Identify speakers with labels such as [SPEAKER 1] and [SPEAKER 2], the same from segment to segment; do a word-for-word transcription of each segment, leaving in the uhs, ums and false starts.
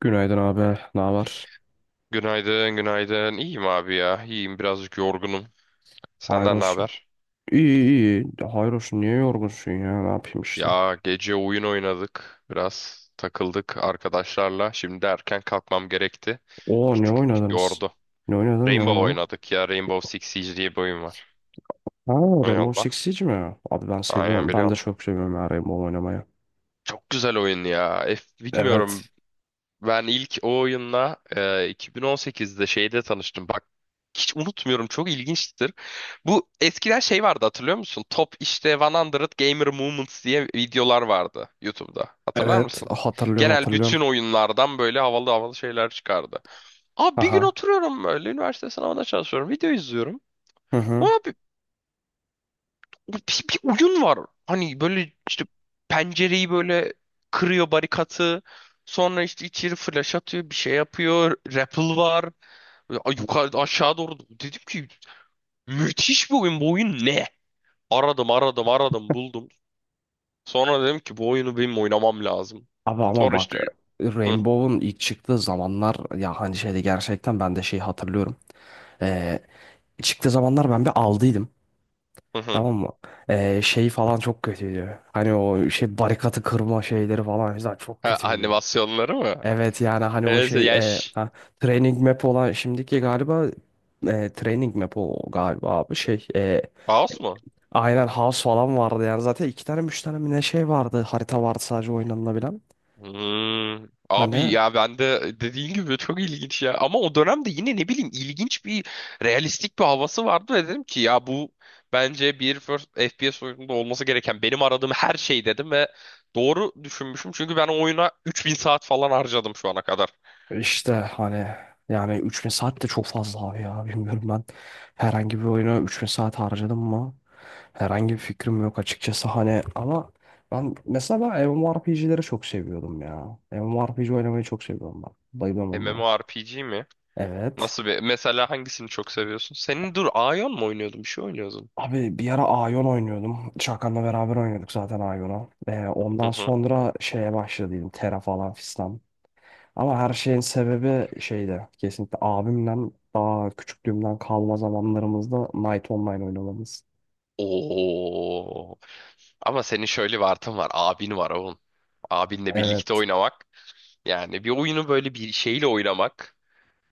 [SPEAKER 1] Günaydın abi. Ne var?
[SPEAKER 2] Günaydın, günaydın. İyiyim abi ya. İyiyim, birazcık yorgunum.
[SPEAKER 1] Hayır
[SPEAKER 2] Senden ne
[SPEAKER 1] olsun.
[SPEAKER 2] haber?
[SPEAKER 1] İyi iyi. İyi. Hayır olsun. Niye yorgunsun ya? Ne yapayım işte.
[SPEAKER 2] Ya gece oyun oynadık. Biraz takıldık arkadaşlarla. Şimdi erken kalkmam gerekti.
[SPEAKER 1] Oo,
[SPEAKER 2] Bir
[SPEAKER 1] ne
[SPEAKER 2] tık
[SPEAKER 1] oynadınız?
[SPEAKER 2] yordu.
[SPEAKER 1] Ne oynadın? Ne
[SPEAKER 2] Rainbow
[SPEAKER 1] oynadın?
[SPEAKER 2] oynadık ya. Rainbow Six Siege diye bir oyun var.
[SPEAKER 1] Ha,
[SPEAKER 2] Oyun
[SPEAKER 1] Rainbow
[SPEAKER 2] Allah.
[SPEAKER 1] Six Siege mi? Abi, ben
[SPEAKER 2] Aynen
[SPEAKER 1] seviyorum. Ben de
[SPEAKER 2] biliyorum.
[SPEAKER 1] çok seviyorum ya Rainbow oynamayı.
[SPEAKER 2] Çok güzel oyun ya. F, bilmiyorum.
[SPEAKER 1] Evet.
[SPEAKER 2] Ben ilk o oyunla e, iki bin on sekizde şeyde tanıştım. Bak hiç unutmuyorum, çok ilginçtir. Bu eskiden şey vardı, hatırlıyor musun? Top işte yüz Gamer Moments diye videolar vardı YouTube'da. Hatırlar
[SPEAKER 1] Evet,
[SPEAKER 2] mısın?
[SPEAKER 1] hatırlıyorum,
[SPEAKER 2] Genel
[SPEAKER 1] hatırlıyorum.
[SPEAKER 2] bütün oyunlardan böyle havalı havalı şeyler çıkardı. Abi bir gün
[SPEAKER 1] Aha.
[SPEAKER 2] oturuyorum böyle, üniversite sınavına çalışıyorum. Video izliyorum,
[SPEAKER 1] Hı hı.
[SPEAKER 2] bir, bir oyun var. Hani böyle işte pencereyi böyle kırıyor barikatı. Sonra işte içeri flash atıyor, bir şey yapıyor. Rappel var. Böyle a- yukarı aşağı doğru. Dedim ki müthiş bir oyun. Bu oyun ne? Aradım, aradım, aradım, buldum. Sonra dedim ki bu oyunu benim oynamam lazım.
[SPEAKER 1] Abi ama
[SPEAKER 2] Sonra
[SPEAKER 1] bak,
[SPEAKER 2] işte hı,
[SPEAKER 1] Rainbow'un ilk çıktığı zamanlar ya hani şeyde, gerçekten ben de şeyi hatırlıyorum. Ee, Çıktığı zamanlar ben bir aldıydım.
[SPEAKER 2] hı, hı.
[SPEAKER 1] Tamam mı? Ee, şey falan çok kötüydü. Hani o şey barikatı kırma şeyleri falan güzel, çok
[SPEAKER 2] Ha,
[SPEAKER 1] kötüydü.
[SPEAKER 2] animasyonları mı?
[SPEAKER 1] Evet yani hani o
[SPEAKER 2] Evet,
[SPEAKER 1] şey e,
[SPEAKER 2] yaş.
[SPEAKER 1] ha, training map olan şimdiki galiba, e, training map o galiba abi, şey, e,
[SPEAKER 2] Kaos mu?
[SPEAKER 1] aynen house falan vardı, yani zaten iki tane üç tane mi ne şey vardı, harita vardı sadece oynanılabilen.
[SPEAKER 2] Hmm. Abi
[SPEAKER 1] Hani,
[SPEAKER 2] ya ben de dediğin gibi çok ilginç ya. Ama o dönemde yine ne bileyim ilginç bir realistik bir havası vardı ve dedim ki ya bu bence bir first F P S oyununda olması gereken, benim aradığım her şey dedim ve doğru düşünmüşüm. Çünkü ben o oyuna üç bin saat falan harcadım şu ana kadar.
[SPEAKER 1] İşte hani yani, üç bin saat de çok fazla abi ya, bilmiyorum, ben herhangi bir oyuna üç bin saat harcadım mı herhangi bir fikrim yok açıkçası hani. Ama ben mesela, ben M M O R P G'leri çok seviyordum ya, MMORPG oynamayı çok seviyorum ben, bayılıyorum onlara.
[SPEAKER 2] MMORPG mi?
[SPEAKER 1] Evet
[SPEAKER 2] Nasıl bir mesela, hangisini çok seviyorsun? Senin dur, Aion mu oynuyordun? Bir şey oynuyordun.
[SPEAKER 1] abi, bir ara Aion oynuyordum, Çakan'la beraber oynuyorduk zaten Aion'u. Ee,
[SPEAKER 2] Hı
[SPEAKER 1] ondan
[SPEAKER 2] hı.
[SPEAKER 1] sonra şeye başladıydım, Terra falan fistan. Ama her şeyin sebebi şeyde, kesinlikle abimden, daha küçüklüğümden kalma zamanlarımızda Night Online oynamamız.
[SPEAKER 2] Oo. Ama senin şöyle bir artın var. Abin var oğlum. Abinle birlikte
[SPEAKER 1] Evet.
[SPEAKER 2] oynamak. Yani bir oyunu böyle bir şeyle oynamak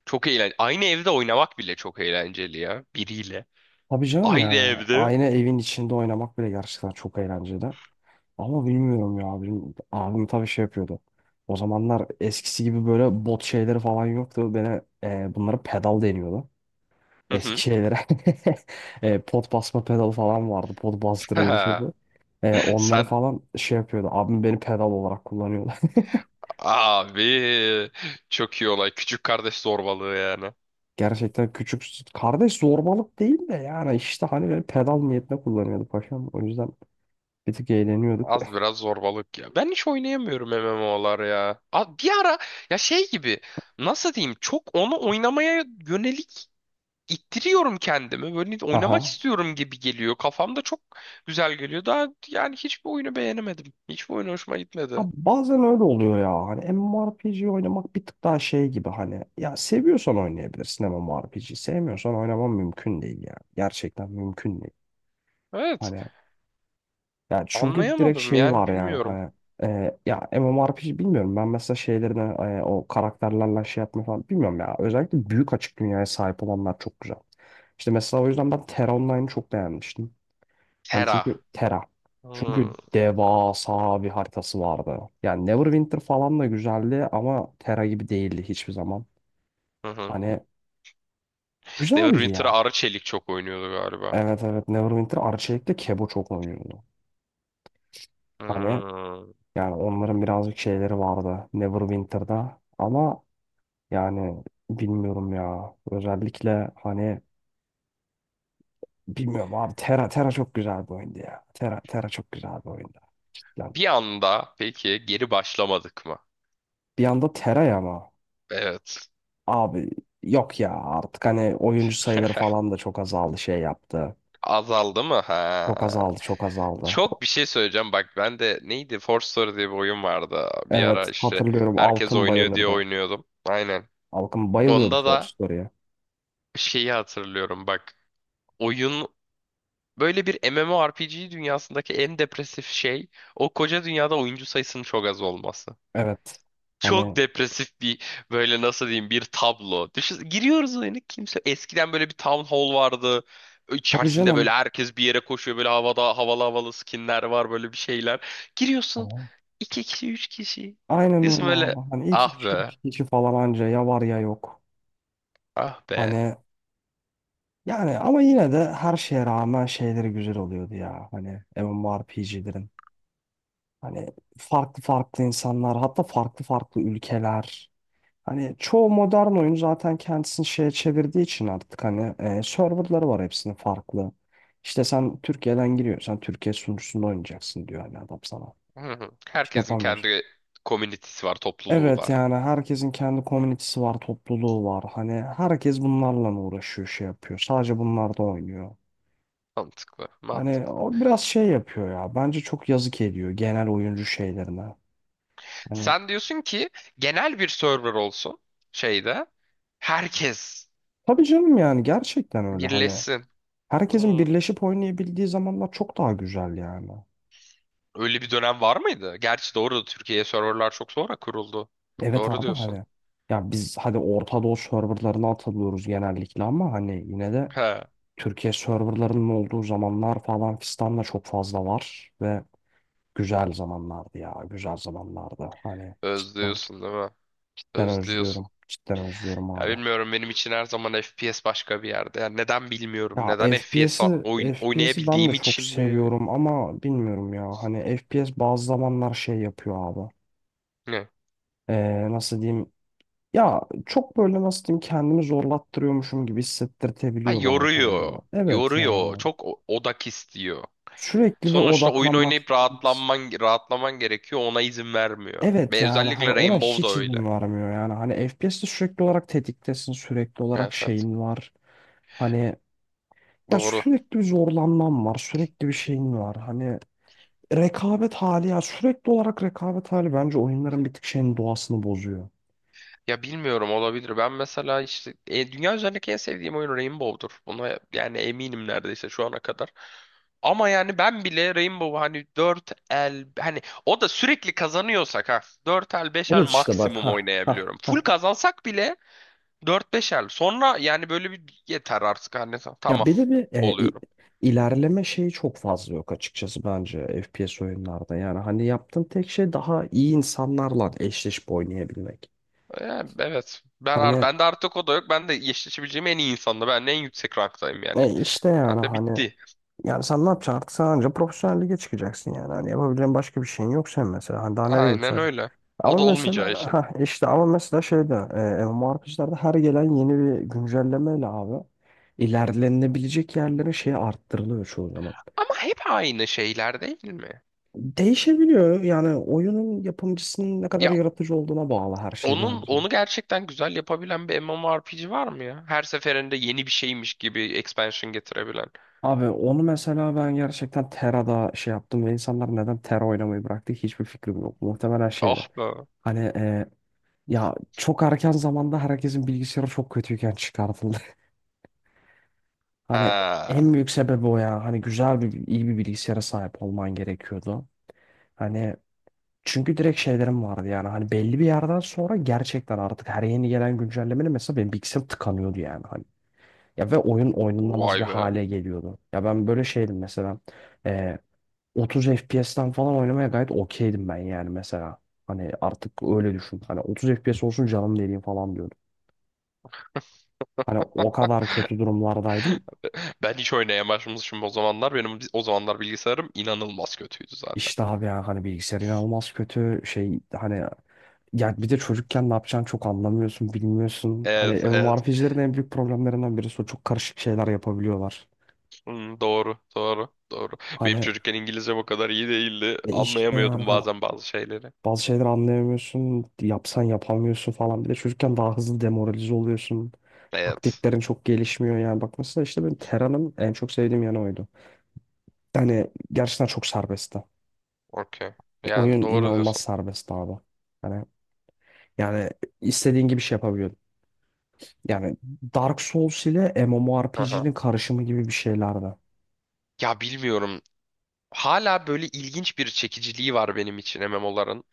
[SPEAKER 2] çok eğlenceli. Aynı evde oynamak bile çok eğlenceli ya. Biriyle.
[SPEAKER 1] Tabii canım,
[SPEAKER 2] Aynı
[SPEAKER 1] yani
[SPEAKER 2] evde.
[SPEAKER 1] aynı evin içinde oynamak bile gerçekten çok eğlenceli. Ama bilmiyorum ya, abim, abim tabii şey yapıyordu. O zamanlar eskisi gibi böyle bot şeyleri falan yoktu. Beni e, bunlara pedal deniyordu.
[SPEAKER 2] Hı
[SPEAKER 1] Eski
[SPEAKER 2] hı.
[SPEAKER 1] şeylere e, pot basma pedalı falan vardı. Pot bastırıyordu şey bu. E, onları
[SPEAKER 2] Sen
[SPEAKER 1] falan şey yapıyordu. Abim beni pedal olarak kullanıyordu.
[SPEAKER 2] abi çok iyi olay. Küçük kardeş zorbalığı yani.
[SPEAKER 1] Gerçekten küçük kardeş zorbalık değil de, yani işte hani böyle pedal niyetine kullanıyorduk paşam. O yüzden bir tık eğleniyorduk.
[SPEAKER 2] Az biraz zorbalık ya. Ben hiç oynayamıyorum M M olar ya. A- Bir ara ya şey gibi, nasıl diyeyim, çok onu oynamaya yönelik ittiriyorum kendimi. Böyle oynamak
[SPEAKER 1] Aha.
[SPEAKER 2] istiyorum gibi geliyor. Kafamda çok güzel geliyor. Daha yani hiçbir oyunu beğenemedim. Hiçbir oyun hoşuma gitmedi.
[SPEAKER 1] Abi bazen öyle oluyor ya. Hani MMORPG oynamak bir tık daha şey gibi, hani ya seviyorsan oynayabilirsin MMORPG. Sevmiyorsan oynaman mümkün değil ya. Gerçekten mümkün değil.
[SPEAKER 2] Evet.
[SPEAKER 1] Hani yani çünkü direkt
[SPEAKER 2] Anlayamadım
[SPEAKER 1] şeyi
[SPEAKER 2] yani,
[SPEAKER 1] var yani
[SPEAKER 2] bilmiyorum.
[SPEAKER 1] hani e, ya MMORPG bilmiyorum, ben mesela şeylerine e, o karakterlerle şey yapma falan bilmiyorum ya. Özellikle büyük açık dünyaya sahip olanlar çok güzel. İşte mesela o yüzden ben Terra Online'ı çok beğenmiştim. Hani
[SPEAKER 2] Terra.
[SPEAKER 1] çünkü Terra. Çünkü
[SPEAKER 2] Hmm.
[SPEAKER 1] devasa bir haritası vardı. Yani Neverwinter falan da güzeldi ama Terra gibi değildi hiçbir zaman.
[SPEAKER 2] Hı hı.
[SPEAKER 1] Hani güzeldi
[SPEAKER 2] Neverwinter'a
[SPEAKER 1] ya.
[SPEAKER 2] Arı Çelik çok oynuyordu galiba.
[SPEAKER 1] Evet evet, Neverwinter Arçelik'te Kebo çok oynuyordu. Hani
[SPEAKER 2] Hmm.
[SPEAKER 1] yani onların birazcık şeyleri vardı Neverwinter'da, ama yani bilmiyorum ya. Özellikle hani bilmiyorum abi, Terra Terra çok güzel bir oyundu ya. Terra Terra çok güzel bir oyundu. Cidden.
[SPEAKER 2] Bir anda peki geri başlamadık mı?
[SPEAKER 1] Bir anda Terra, ama
[SPEAKER 2] Evet.
[SPEAKER 1] abi yok ya, artık hani oyuncu sayıları falan da çok azaldı, şey yaptı.
[SPEAKER 2] Azaldı mı? Ha.
[SPEAKER 1] Çok azaldı, çok azaldı.
[SPEAKER 2] Çok bir şey söyleyeceğim. Bak ben de neydi? Force Story diye bir oyun vardı. Bir ara
[SPEAKER 1] Evet,
[SPEAKER 2] işte
[SPEAKER 1] hatırlıyorum,
[SPEAKER 2] herkes
[SPEAKER 1] Alkın
[SPEAKER 2] oynuyor diye
[SPEAKER 1] bayılırdı.
[SPEAKER 2] oynuyordum. Aynen.
[SPEAKER 1] Alkın bayılıyordu
[SPEAKER 2] Onda
[SPEAKER 1] Force
[SPEAKER 2] da
[SPEAKER 1] Story'e.
[SPEAKER 2] şeyi hatırlıyorum bak. Oyun böyle, bir MMORPG dünyasındaki en depresif şey o koca dünyada oyuncu sayısının çok az olması.
[SPEAKER 1] Evet.
[SPEAKER 2] Çok
[SPEAKER 1] Hani,
[SPEAKER 2] depresif bir böyle, nasıl diyeyim, bir tablo. Düşün, giriyoruz oyuna kimse, eskiden böyle bir town hall vardı.
[SPEAKER 1] tabii
[SPEAKER 2] İçerisinde böyle
[SPEAKER 1] canım.
[SPEAKER 2] herkes bir yere koşuyor, böyle havada havalı havalı skinler var, böyle bir şeyler. Giriyorsun, iki kişi üç kişi.
[SPEAKER 1] Aynen
[SPEAKER 2] Diyorsun
[SPEAKER 1] öyle
[SPEAKER 2] böyle
[SPEAKER 1] abi. Hani iki
[SPEAKER 2] ah
[SPEAKER 1] kişi,
[SPEAKER 2] be,
[SPEAKER 1] üç kişi falan anca, ya var ya yok.
[SPEAKER 2] ah be.
[SPEAKER 1] Hani yani ama yine de her şeye rağmen şeyleri güzel oluyordu ya, hani M M O R P G'lerin. Hani farklı farklı insanlar, hatta farklı farklı ülkeler. Hani çoğu modern oyun zaten kendisini şeye çevirdiği için artık hani e, serverları var hepsinin farklı. İşte sen Türkiye'den giriyorsan Türkiye sunucusunda oynayacaksın diyor hani adam sana.
[SPEAKER 2] Hı hı. Herkesin
[SPEAKER 1] Yapamıyorsun.
[SPEAKER 2] kendi komünitesi var, topluluğu
[SPEAKER 1] Evet
[SPEAKER 2] var.
[SPEAKER 1] yani herkesin kendi komünitesi var, topluluğu var. Hani herkes bunlarla uğraşıyor, şey yapıyor. Sadece bunlar da oynuyor.
[SPEAKER 2] Mantıklı,
[SPEAKER 1] Hani
[SPEAKER 2] mantıklı.
[SPEAKER 1] o biraz şey yapıyor ya. Bence çok yazık ediyor genel oyuncu şeylerine. Hani
[SPEAKER 2] Sen diyorsun ki genel bir server olsun şeyde. Herkes
[SPEAKER 1] tabii canım yani gerçekten öyle hani.
[SPEAKER 2] birleşsin.
[SPEAKER 1] Herkesin
[SPEAKER 2] Hmm.
[SPEAKER 1] birleşip oynayabildiği zamanlar çok daha güzel yani.
[SPEAKER 2] Öyle bir dönem var mıydı? Gerçi doğru, Türkiye'ye serverlar çok sonra kuruldu.
[SPEAKER 1] Evet
[SPEAKER 2] Doğru
[SPEAKER 1] abi
[SPEAKER 2] diyorsun.
[SPEAKER 1] hani. Ya biz hadi Orta Doğu serverlarına atılıyoruz genellikle ama hani yine de
[SPEAKER 2] He,
[SPEAKER 1] Türkiye serverlarının olduğu zamanlar falan fistanla çok fazla var ve güzel zamanlardı ya. Güzel zamanlardı. Hani cidden,
[SPEAKER 2] özlüyorsun değil mi?
[SPEAKER 1] cidden
[SPEAKER 2] Özlüyorsun.
[SPEAKER 1] özlüyorum. Cidden özlüyorum
[SPEAKER 2] Ya
[SPEAKER 1] abi.
[SPEAKER 2] bilmiyorum, benim için her zaman F P S başka bir yerde. Ya neden
[SPEAKER 1] Ya
[SPEAKER 2] bilmiyorum. Neden F P S
[SPEAKER 1] FPS'i
[SPEAKER 2] a- oyn-
[SPEAKER 1] FPS'i ben de
[SPEAKER 2] oynayabildiğim
[SPEAKER 1] çok
[SPEAKER 2] için mi?
[SPEAKER 1] seviyorum ama bilmiyorum ya. Hani F P S bazı zamanlar şey yapıyor abi. Ee, nasıl diyeyim? Ya çok böyle nasıl diyeyim, kendimi zorlattırıyormuşum gibi
[SPEAKER 2] Ha,
[SPEAKER 1] hissettirtebiliyor bana kendimi.
[SPEAKER 2] yoruyor.
[SPEAKER 1] Evet
[SPEAKER 2] Yoruyor.
[SPEAKER 1] yani.
[SPEAKER 2] Çok o- odak istiyor.
[SPEAKER 1] Sürekli bir
[SPEAKER 2] Sonuçta oyun
[SPEAKER 1] odaklanmak
[SPEAKER 2] oynayıp
[SPEAKER 1] zorundasın.
[SPEAKER 2] rahatlanman rahatlaman gerekiyor. Ona izin vermiyor.
[SPEAKER 1] Evet
[SPEAKER 2] Ve
[SPEAKER 1] yani hani
[SPEAKER 2] özellikle
[SPEAKER 1] ona
[SPEAKER 2] Rainbow da
[SPEAKER 1] hiç
[SPEAKER 2] öyle.
[SPEAKER 1] izin varmıyor, yani hani F P S'te sürekli olarak tetiktesin, sürekli olarak
[SPEAKER 2] Evet, evet.
[SPEAKER 1] şeyin var hani, ya
[SPEAKER 2] Doğru.
[SPEAKER 1] sürekli bir zorlanman var, sürekli bir şeyin var hani, rekabet hali ya, sürekli olarak rekabet hali bence oyunların bir tık şeyin doğasını bozuyor.
[SPEAKER 2] Ya bilmiyorum, olabilir. Ben mesela işte e, dünya üzerindeki en sevdiğim oyun Rainbow'dur. Buna yani eminim neredeyse şu ana kadar. Ama yani ben bile Rainbow hani dört el, hani o da sürekli kazanıyorsak ha, dört el beş el
[SPEAKER 1] Evet işte bak,
[SPEAKER 2] maksimum
[SPEAKER 1] ha ha
[SPEAKER 2] oynayabiliyorum. Full
[SPEAKER 1] ha,
[SPEAKER 2] kazansak bile dörder beşer. Sonra yani böyle bir yeter artık anne
[SPEAKER 1] ya
[SPEAKER 2] tamam
[SPEAKER 1] bir de bir e, i-
[SPEAKER 2] oluyorum.
[SPEAKER 1] ilerleme şeyi çok fazla yok açıkçası bence F P S oyunlarda, yani hani yaptığın tek şey daha iyi insanlarla eşleşip oynayabilmek.
[SPEAKER 2] Yani evet. Ben ar-
[SPEAKER 1] Hani
[SPEAKER 2] bende artık o da yok. Ben de eşleşebileceğim en iyi insanla. Ben de en yüksek ranktayım yani.
[SPEAKER 1] e işte yani
[SPEAKER 2] Ben de
[SPEAKER 1] hani,
[SPEAKER 2] bitti.
[SPEAKER 1] yani sen ne yapacaksın artık, sen anca profesyonel lige çıkacaksın yani. Hani yapabileceğin başka bir şeyin yok sen mesela. Hani daha nereye
[SPEAKER 2] Aynen
[SPEAKER 1] yükseleceksin?
[SPEAKER 2] öyle.
[SPEAKER 1] Ama
[SPEAKER 2] O da olmayacağı
[SPEAKER 1] mesela
[SPEAKER 2] için.
[SPEAKER 1] ha işte ama mesela şeyde e, M M O R P G'lerde her gelen yeni bir güncellemeyle abi ilerlenebilecek yerlerin şeyi arttırılıyor çoğu zaman.
[SPEAKER 2] Ama hep aynı şeyler değil mi?
[SPEAKER 1] Değişebiliyor yani, oyunun yapımcısının ne kadar
[SPEAKER 2] Ya
[SPEAKER 1] yaratıcı olduğuna bağlı her şey
[SPEAKER 2] onun
[SPEAKER 1] bence.
[SPEAKER 2] onu gerçekten güzel yapabilen bir MMORPG var mı ya? Her seferinde yeni bir şeymiş gibi expansion getirebilen.
[SPEAKER 1] Abi onu mesela ben gerçekten Tera'da şey yaptım ve insanlar neden Tera oynamayı bıraktı hiçbir fikrim yok. Muhtemelen
[SPEAKER 2] Ah
[SPEAKER 1] şeyle.
[SPEAKER 2] be.
[SPEAKER 1] Hani e, ya çok erken zamanda herkesin bilgisayarı çok kötüyken çıkartıldı. Hani
[SPEAKER 2] Ha.
[SPEAKER 1] en büyük sebebi o ya. Hani güzel bir, iyi bir bilgisayara sahip olman gerekiyordu. Hani çünkü direkt şeylerim vardı yani. Hani belli bir yerden sonra gerçekten artık her yeni gelen güncellemeyle mesela benim bilgisayarım tıkanıyordu yani. Hani. Ya ve oyun oynanamaz
[SPEAKER 2] Vay
[SPEAKER 1] bir
[SPEAKER 2] be.
[SPEAKER 1] hale geliyordu. Ya ben böyle şeydim mesela. Ee, otuz F P S'ten falan oynamaya gayet okeydim ben yani mesela. Hani artık öyle düşün. Hani otuz F P S olsun canım dediğim falan. Hani o kadar kötü durumlardaydım.
[SPEAKER 2] Ben hiç oynaya başlamışım o zamanlar. Benim o zamanlar bilgisayarım inanılmaz kötüydü zaten.
[SPEAKER 1] İşte abi ya hani bilgisayar inanılmaz kötü şey hani, ya bir de çocukken ne yapacağını çok anlamıyorsun, bilmiyorsun. Hani
[SPEAKER 2] Evet, evet.
[SPEAKER 1] M M O R P G'lerin en büyük problemlerinden birisi o, çok karışık şeyler yapabiliyorlar.
[SPEAKER 2] Hmm, doğru, doğru, doğru. Benim
[SPEAKER 1] Hani
[SPEAKER 2] çocukken İngilizcem o kadar iyi değildi.
[SPEAKER 1] e işte yani
[SPEAKER 2] Anlayamıyordum
[SPEAKER 1] hani
[SPEAKER 2] bazen bazı şeyleri.
[SPEAKER 1] bazı şeyleri anlayamıyorsun, yapsan yapamıyorsun falan, bir de çocukken daha hızlı demoralize oluyorsun.
[SPEAKER 2] Evet.
[SPEAKER 1] Taktiklerin çok gelişmiyor, yani bak mesela işte benim Terra'nın en çok sevdiğim yanı oydu. Yani gerçekten çok serbestti.
[SPEAKER 2] Okey. Yani
[SPEAKER 1] Oyun
[SPEAKER 2] doğru
[SPEAKER 1] inanılmaz
[SPEAKER 2] diyorsun.
[SPEAKER 1] serbestti abi. Hani yani istediğin gibi şey yapabiliyordun. Yani Dark Souls ile
[SPEAKER 2] Aha.
[SPEAKER 1] M M O R P G'nin karışımı gibi bir şeylerdi.
[SPEAKER 2] Ya bilmiyorum. Hala böyle ilginç bir çekiciliği var benim için M M O'ların.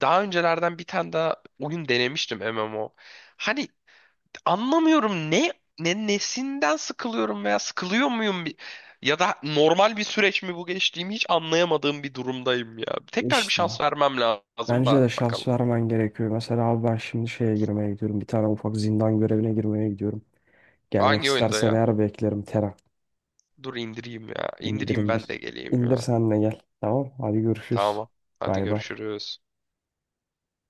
[SPEAKER 2] Daha öncelerden bir tane daha oyun denemiştim M M O. Hani anlamıyorum ne ne nesinden sıkılıyorum veya sıkılıyor muyum, bi- ya da normal bir süreç mi bu, geçtiğimi hiç anlayamadığım bir durumdayım ya. Tekrar bir
[SPEAKER 1] İşte.
[SPEAKER 2] şans vermem lazım
[SPEAKER 1] Bence
[SPEAKER 2] da,
[SPEAKER 1] de şans
[SPEAKER 2] bakalım.
[SPEAKER 1] vermen gerekiyor. Mesela abi ben şimdi şeye girmeye gidiyorum. Bir tane ufak zindan görevine girmeye gidiyorum. Gelmek
[SPEAKER 2] Hangi oyunda
[SPEAKER 1] istersen
[SPEAKER 2] ya?
[SPEAKER 1] eğer beklerim Tera.
[SPEAKER 2] Dur indireyim ya.
[SPEAKER 1] İndir
[SPEAKER 2] İndireyim,
[SPEAKER 1] indir.
[SPEAKER 2] ben de geleyim
[SPEAKER 1] İndir
[SPEAKER 2] ya.
[SPEAKER 1] sen de gel. Tamam. Hadi görüşürüz.
[SPEAKER 2] Tamam. Hadi
[SPEAKER 1] Bay bay.
[SPEAKER 2] görüşürüz.